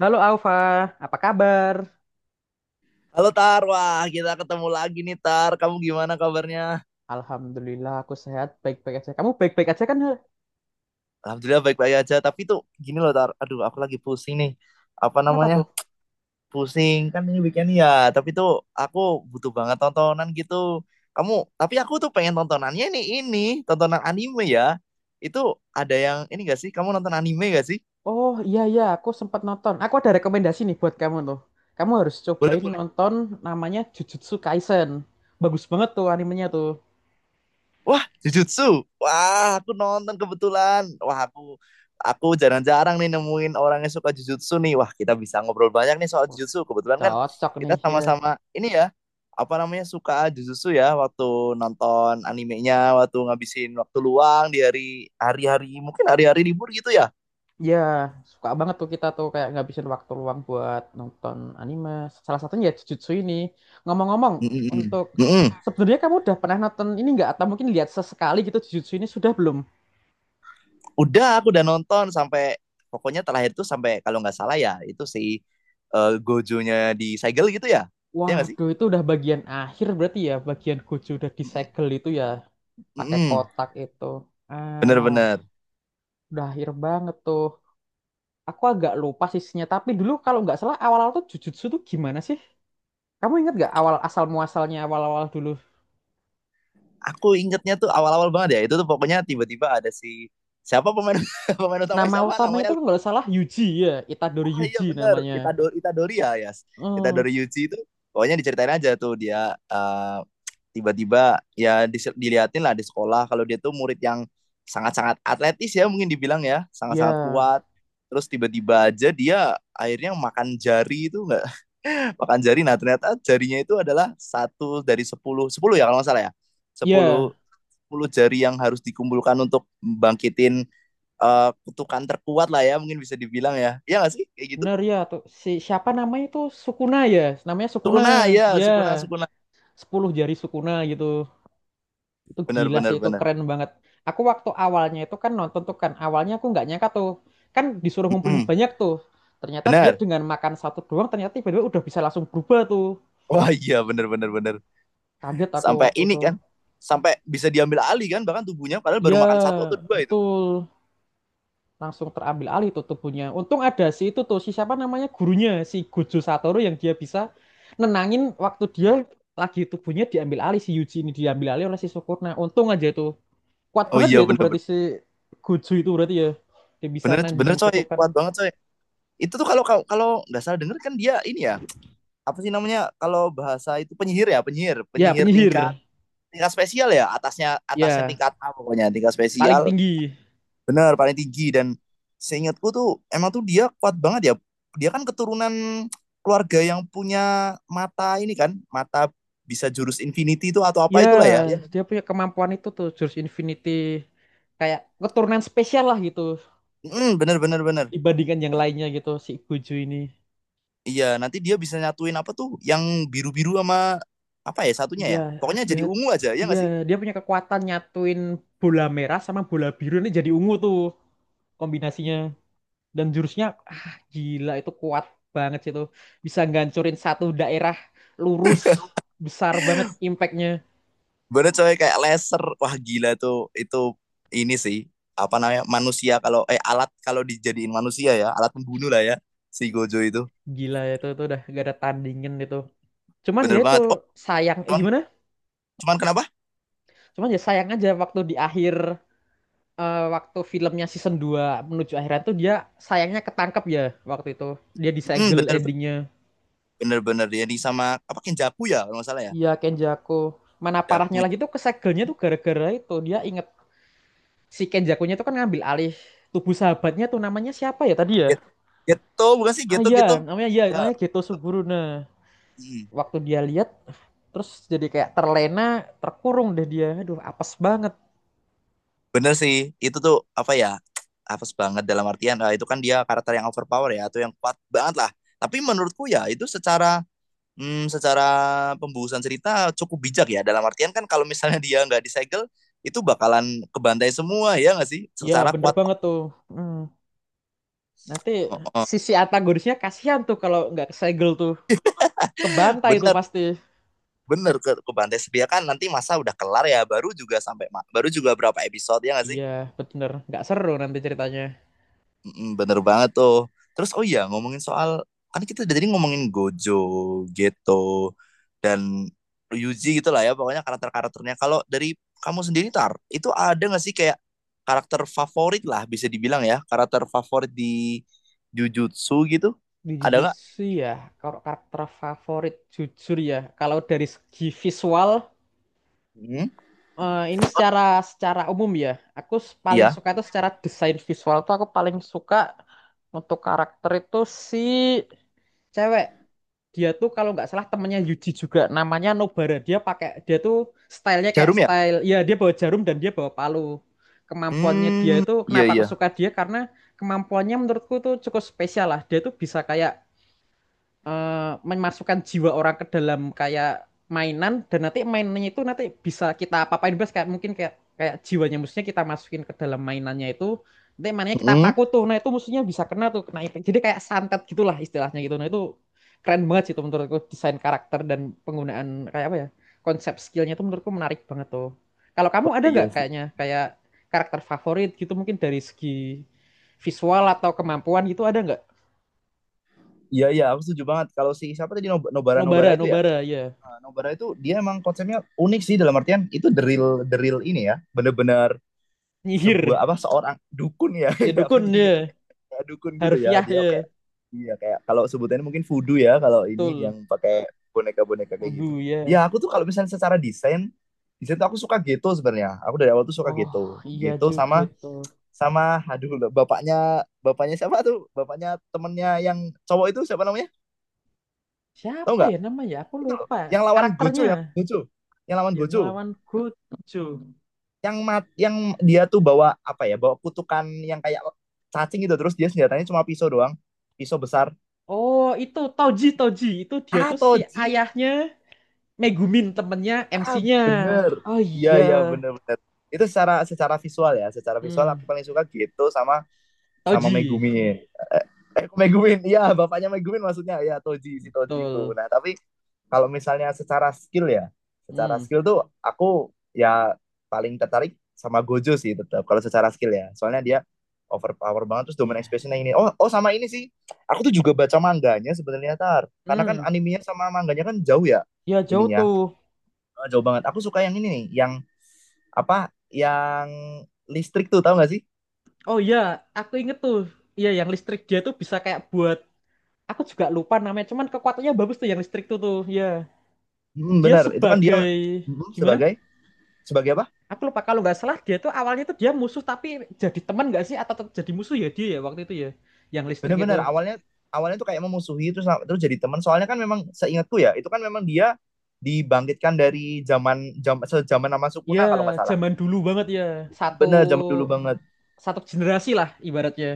Halo Alfa, apa kabar? Halo Tar, wah kita ketemu lagi nih Tar. Kamu gimana kabarnya? Alhamdulillah aku sehat, baik-baik aja. Kamu baik-baik aja kan? Hel? Alhamdulillah baik-baik aja. Tapi tuh gini loh Tar, aduh aku lagi pusing nih. Apa Kenapa namanya? tuh? Pusing kan ini weekend ya. Tapi tuh aku butuh banget tontonan gitu. Kamu, tapi aku tuh pengen tontonannya nih ini, tontonan anime ya. Itu ada yang ini gak sih? Kamu nonton anime gak sih? Oh iya iya, aku sempat nonton. Aku ada rekomendasi nih buat kamu tuh. Kamu harus Boleh cobain boleh. nonton namanya Jujutsu Kaisen. Bagus banget tuh animenya tuh. Wah, Jujutsu. Wah, aku nonton kebetulan. Wah, aku jarang-jarang nih nemuin orang yang suka Jujutsu nih. Wah, kita bisa ngobrol banyak nih soal Wah, Jujutsu. Kebetulan kan cocok kita nih ya. sama-sama ini ya, apa namanya suka Jujutsu ya waktu nonton animenya, waktu ngabisin waktu luang di hari-hari mungkin hari-hari libur gitu ya. Ya, suka banget tuh kita tuh kayak ngabisin waktu luang buat nonton anime. Salah satunya ya Jujutsu ini. Ngomong-ngomong, Mm-mm. untuk Mm-mm. sebenarnya kamu udah pernah nonton ini nggak? Atau mungkin lihat sesekali gitu Jujutsu ini sudah belum? Udah, aku udah nonton sampai pokoknya terakhir tuh sampai kalau nggak salah ya itu si Gojo-nya di segel gitu ya. Iya nggak sih? Waduh, itu udah bagian akhir berarti ya, bagian Gojo udah Mm-mm. disegel itu ya, pakai Mm-mm. kotak itu. Ah, Bener-bener. udah akhir banget tuh. Aku agak lupa sisinya, tapi dulu kalau nggak salah awal-awal tuh Jujutsu tuh gimana sih? Kamu ingat nggak awal asal muasalnya awal-awal dulu? Aku ingetnya tuh awal-awal banget ya. Itu tuh pokoknya tiba-tiba ada si siapa pemain pemain utamanya Nama siapa utamanya namanya. tuh kalau nggak salah Yuji ya, Itadori Ah, iya Yuji bener namanya. Itadori Itadori ya Yas. Oh, Itadori Yuji itu pokoknya diceritain aja tuh dia tiba-tiba ya diliatin lah di sekolah kalau dia tuh murid yang sangat-sangat atletis ya mungkin dibilang ya sangat-sangat ya, kuat terus tiba-tiba aja dia akhirnya makan jari itu enggak. Makan jari, nah ternyata jarinya itu adalah satu dari sepuluh sepuluh ya kalau nggak salah ya ya, sepuluh 10 jari yang harus dikumpulkan untuk membangkitin kutukan terkuat lah ya mungkin bisa dibilang ya iya nggak sih kayak gitu. bener ya tuh. Si siapa namanya itu Sukuna ya, namanya Sukuna, Sukuna ya, ya, sukuna sukuna sepuluh jari Sukuna gitu. Itu Benar gila sih, benar itu benar. keren banget. Aku waktu awalnya itu kan nonton tuh kan, awalnya aku nggak nyangka tuh. Kan disuruh ngumpulin Mm-mm, banyak tuh. Ternyata dia benar. dengan makan satu doang, ternyata tiba-tiba udah bisa langsung berubah tuh. Wah iya benar benar benar. Kaget aku Sampai waktu itu. ini kan sampai bisa diambil alih kan bahkan tubuhnya padahal baru makan satu atau Ya, dua itu. betul. Langsung terambil alih tuh tubuhnya. Untung ada si itu tuh, si siapa namanya gurunya, si Gojo Satoru yang dia bisa nenangin waktu dia lagi tubuhnya diambil alih, si Yuji ini diambil alih oleh si Sukuna. Untung aja itu. Kuat Oh banget iya ya itu benar berarti benar si Gojo itu berarti ya, dia bisa benar. Benar nandingin coy, kutukan kuat banget coy. Itu tuh kalau kalau kalau nggak salah denger kan dia ini ya apa sih namanya kalau bahasa itu penyihir ya penyihir ya, penyihir tingkat penyihir tingkat spesial ya atasnya atasnya ya tingkat A pokoknya tingkat paling spesial. tinggi, Bener, paling tinggi dan seingatku tuh emang tuh dia kuat banget ya. Dia kan keturunan keluarga yang punya mata ini kan, mata bisa jurus infinity itu atau ya apa itulah ya. Yang dia punya kemampuan itu tuh jurus Infinity kayak keturunan spesial lah gitu bener bener bener. dibandingkan yang lainnya gitu si Gojo ini. Iya, nanti dia bisa nyatuin apa tuh yang biru-biru sama apa ya satunya Iya, ya. ah, Pokoknya dia jadi ungu aja, ya iya nggak sih? dia punya kekuatan nyatuin bola merah sama bola biru ini jadi ungu tuh kombinasinya dan jurusnya, ah, gila itu kuat banget sih itu bisa ngancurin satu daerah lurus besar banget impactnya. Bener coy kayak laser. Wah, gila tuh. Itu ini sih apa namanya manusia kalau alat kalau dijadiin manusia ya, alat pembunuh lah ya si Gojo itu. Gila ya, itu udah gak ada tandingin itu cuman ya Bener itu banget. Oh, sayang eh cuman, gimana cuman kenapa? cuman ya sayang aja waktu di akhir, eh, waktu filmnya season 2 menuju akhiran tuh dia sayangnya ketangkep ya waktu itu dia disegel Bener endingnya. bener bener, ya di sama apa Kenjaku ya kalau nggak salah ya? Iya Kenjaku, mana Kenjaku parahnya ya. lagi tuh kesegelnya tuh gara-gara itu dia inget si Kenjakunya tuh kan ngambil alih tubuh sahabatnya tuh namanya siapa ya tadi ya. Get Getto bukan sih? Ah Getto Getto? Iya, Ya, namanya Geto Suguru. Nah, mhm, waktu dia lihat, terus jadi kayak terlena, terkurung deh dia. Aduh, apes banget. bener sih itu tuh apa ya, apes banget dalam artian, itu kan dia karakter yang overpower ya atau yang kuat banget lah. Tapi menurutku ya itu secara pembusuhan cerita cukup bijak ya dalam artian kan kalau misalnya dia nggak disegel, itu bakalan kebantai semua ya nggak sih? Ya, Secara bener kuat, banget tuh. Hmm. Nanti heeh, sisi antagonisnya kasihan tuh kalau nggak kesegel tuh. Kebantai tuh bener. pasti. Bener ke Bantai Setia kan nanti masa udah kelar ya baru juga berapa episode ya nggak sih. Iya, bener. Nggak seru nanti ceritanya. Mm-mm, bener banget tuh terus oh iya ngomongin soal kan kita udah tadi ngomongin Gojo, Geto, dan Ryuji gitu lah ya pokoknya karakter-karakternya kalau dari kamu sendiri Tar itu ada nggak sih kayak karakter favorit lah bisa dibilang ya karakter favorit di Jujutsu gitu Di ada nggak? Jujutsu ya, kalau karakter favorit jujur ya. Kalau dari segi visual, Hmm, eh, ini secara secara umum ya. Aku paling iya. suka itu secara desain visual tuh aku paling suka untuk karakter itu si cewek. Dia tuh kalau nggak salah temennya Yuji juga namanya Nobara. Dia pakai, dia tuh stylenya kayak Jarum ya. style ya, dia bawa jarum dan dia bawa palu. Kemampuannya dia Hmm. itu, Iya kenapa aku iya. suka dia karena kemampuannya menurutku tuh cukup spesial lah. Dia tuh bisa kayak memasukkan jiwa orang ke dalam kayak mainan, dan nanti mainannya itu nanti bisa kita apa-apain bebas, kayak mungkin kayak kayak jiwanya musuhnya kita masukin ke dalam mainannya itu, nanti mainannya kita Hmm. paku tuh, nah itu musuhnya bisa kena tuh, kena impact, jadi kayak santet gitulah istilahnya gitu. Nah itu keren banget sih itu, menurutku desain karakter dan penggunaan, kayak apa ya, konsep skillnya itu menurutku menarik banget tuh. Kalau kamu Wah, ada iya nggak sih. kayaknya kayak karakter favorit gitu mungkin dari segi visual atau kemampuan gitu, ada nggak? Iya iya, aku setuju banget. Kalau si siapa tadi Nobara Nobara Nobara itu ya. Nobara ya, Nah, Nobara itu dia emang konsepnya unik sih dalam artian itu the real ini ya, bener-bener nyihir. sebuah apa seorang dukun ya, Ya ya dukun penyihir. ya, Kayak dukun gitu ya. harfiah Dia ya, kayak iya kayak kalau sebutannya mungkin voodoo ya kalau ini betul. yang pakai boneka-boneka kayak gitu. Kudu ya. Ya aku tuh kalau misalnya secara desain desain tuh aku suka gitu sebenarnya. Aku dari awal tuh suka Oh gitu, iya gitu juga sama gitu. sama aduh bapaknya bapaknya siapa tuh bapaknya temennya yang cowok itu siapa namanya? Tahu Siapa nggak? ya namanya? Aku Itu loh lupa yang lawan karakternya. Gojo yang lawan Yang Gojo lawan Gojo. Yang dia tuh bawa apa ya bawa kutukan yang kayak cacing gitu terus dia senjatanya cuma pisau doang, pisau besar. Oh itu Toji, Toji itu dia Ah tuh si Toji, ayahnya Megumin temennya ah MC-nya. bener Oh iya iya. iya bener bener itu secara secara visual ya secara visual Hmm. aku paling suka gitu sama sama Toji Megumin. Eh Megumin, iya bapaknya Megumin maksudnya ya Toji si Toji itu, betul. nah tapi kalau misalnya secara skill ya, secara Hmm. skill tuh aku ya paling tertarik sama Gojo sih tetap kalau secara skill ya. Soalnya dia overpower banget terus domain Ya. expansionnya ini oh oh sama ini sih aku tuh juga baca mangganya sebenarnya tar karena kan Hmm. animenya sama mangganya kan jauh ya Ya jauh ininya. tuh. Eh, jauh banget aku suka yang ini nih yang apa yang listrik tuh tahu nggak sih. Oh iya, aku inget tuh. Iya yang listrik dia tuh bisa kayak buat, aku juga lupa namanya cuman kekuatannya bagus tuh yang listrik tuh tuh ya. Hmm, Dia bener itu kan dia sebagai gimana, sebagai sebagai apa. aku lupa, kalau nggak salah dia tuh awalnya tuh dia musuh tapi jadi teman nggak sih, atau tetap jadi musuh ya dia ya waktu itu ya yang listrik itu. Bener-bener awalnya awalnya tuh kayak memusuhi terus terus jadi teman. Soalnya kan memang seingatku ya, itu kan memang dia dibangkitkan dari zaman sejaman sama Sukuna kalau nggak Ya salah. zaman dulu banget ya, satu Bener zaman dulu banget. satu generasi lah ibaratnya.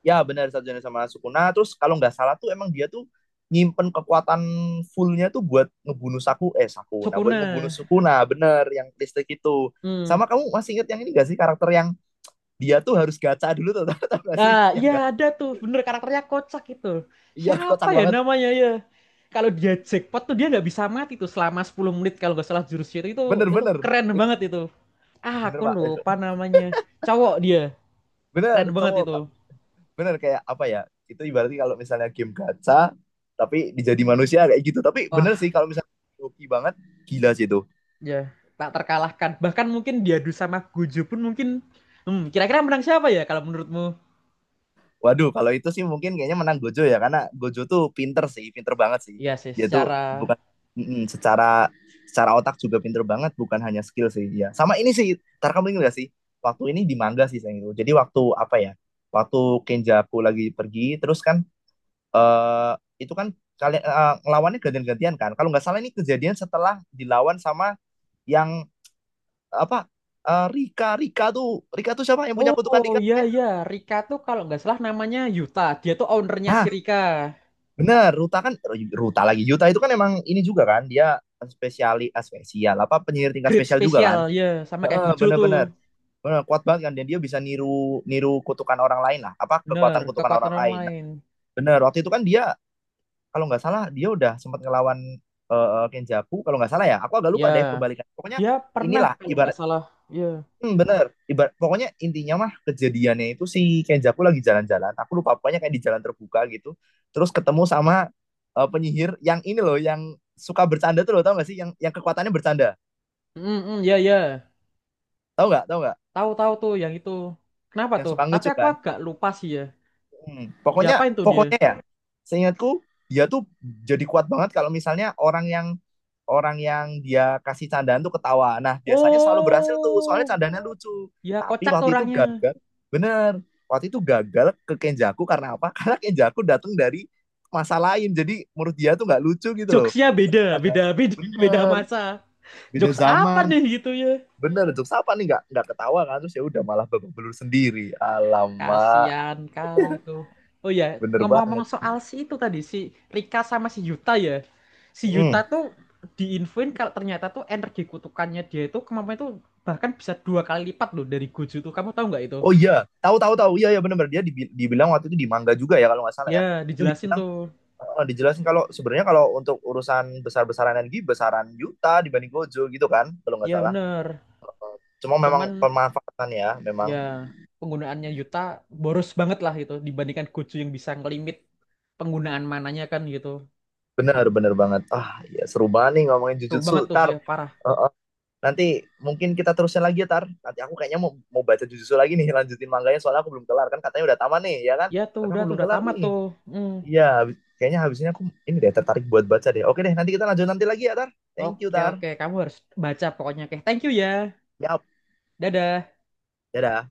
Ya bener satu zaman sama Sukuna. Terus kalau nggak salah tuh emang dia tuh nyimpen kekuatan fullnya tuh buat ngebunuh Sakuna buat Sukuna. ngebunuh Sukuna bener yang listrik itu. Hmm. Sama kamu masih inget yang ini gak sih, karakter yang dia tuh harus gacha dulu tuh tau tau gak sih Ah yang iya gak. ada tuh, bener karakternya kocak itu, Iya siapa kocak ya banget namanya ya, kalau dia jackpot tuh dia nggak bisa mati tuh selama 10 menit kalau nggak salah jurusnya itu. itu bener itu bener. keren It- banget itu. Ah, Bener aku pak itu. lupa namanya. Cowok dia. Bener Keren banget cowok. itu. Bener kayak apa ya. Itu ibaratnya kalau misalnya game gacha tapi dijadi manusia kayak gitu tapi Wah, bener sih kalau misalnya hoki banget, gila sih itu. ya. Tak terkalahkan. Bahkan mungkin diadu sama Gojo pun mungkin... Hmm, kira-kira menang siapa ya kalau menurutmu? Waduh kalau itu sih mungkin kayaknya menang Gojo ya karena Gojo tuh pinter sih pinter banget sih. Iya sih, Dia secara... tuh bukan secara secara otak juga pinter banget bukan hanya skill sih ya sama ini sih ntar kamu ingat gak sih waktu ini di manga sih sayang itu jadi waktu apa ya waktu Kenjaku lagi pergi terus kan eh itu kan kalian eh, ngelawannya gantian-gantian kan. Kalau nggak salah ini kejadian setelah dilawan sama yang apa eh, Rika Rika tuh siapa yang punya kutukan Oh, Rika iya, ya? iya. Rika tuh kalau nggak salah namanya Yuta. Dia tuh ownernya si Ah Rika. bener Ruta kan eh, Ruta lagi Yuta itu kan emang ini juga kan dia spesial apa penyihir tingkat Grade spesial juga spesial, kan? ya. Sama kayak Heeh, Gojo tuh. bener-bener bener, kuat banget kan dan dia bisa niru niru kutukan orang lain lah apa Bener, kekuatan kutukan kekuatan orang orang lain. Nah, lain. bener waktu itu kan dia kalau nggak salah dia udah sempat ngelawan Kenjaku kalau nggak salah ya aku agak Ya, lupa deh kebalikan pokoknya dia pernah inilah kalau ibarat nggak salah. Ya. Bener ibarat pokoknya intinya mah kejadiannya itu si Kenjaku lagi jalan-jalan aku lupa pokoknya kayak di jalan terbuka gitu terus ketemu sama penyihir yang ini loh yang suka bercanda tuh loh tau nggak sih yang kekuatannya bercanda Mm, mm, ya, ya. Tau nggak Tahu-tahu tuh yang itu. Kenapa yang tuh? suka Tapi ngelucu aku kan. agak lupa sih ya. Pokoknya Diapain tuh dia? pokoknya ya seingatku dia tuh jadi kuat banget kalau misalnya orang yang dia kasih candaan tuh ketawa. Nah, biasanya selalu berhasil tuh, soalnya Oh, candaannya lucu. ya Tapi kocak tuh waktu itu orangnya. gagal, bener. Waktu itu gagal ke Kenjaku karena apa? Karena Kenjaku datang dari masa lain, jadi menurut dia tuh nggak lucu gitu loh. Jokesnya beda, Padahal beda, beda, beda bener, masa. beda Jokes apa zaman. nih gitu ya? Bener, Jok Sapa nih nggak ketawa kan terus ya udah malah babak belur sendiri. Alamak, Kasian kali tuh. Oh ya, bener ngomong-ngomong banget. soal si itu tadi, si Rika sama si Yuta ya. Si Yuta Mm. tuh diinfoin kalau ternyata tuh energi kutukannya dia itu kemampuannya tuh bahkan bisa 2 kali lipat loh dari Gojo tuh. Kamu tahu nggak itu? Oh iya, tahu tahu tahu. Iya ya bener bener dia dibilang waktu itu di manga juga ya kalau nggak salah ya. Ya, Itu dijelasin dibilang tuh. eh, dijelasin kalau sebenarnya kalau untuk urusan besar-besaran energi besaran Yuta dibanding Gojo gitu kan kalau nggak Ya salah bener. cuma memang Cuman pemanfaatan ya memang ya penggunaannya Yuta boros banget lah gitu dibandingkan Gojo yang bisa ngelimit penggunaan mananya kan gitu. benar benar banget ah ya seru banget nih ngomongin Seru Jujutsu banget tuh tar. ya parah. Eh, nanti mungkin kita terusin lagi ya tar nanti aku kayaknya mau mau baca Jujutsu lagi nih lanjutin manganya soalnya aku belum kelar kan katanya udah tamat nih ya kan Ya tapi aku tuh belum udah kelar tamat nih tuh. Hmm. iya kayaknya habis ini aku ini deh tertarik buat baca deh oke deh nanti kita lanjut nanti lagi ya tar thank you Oke tar oke kamu harus baca pokoknya. Oke, thank you ya. yap Dadah. dadah.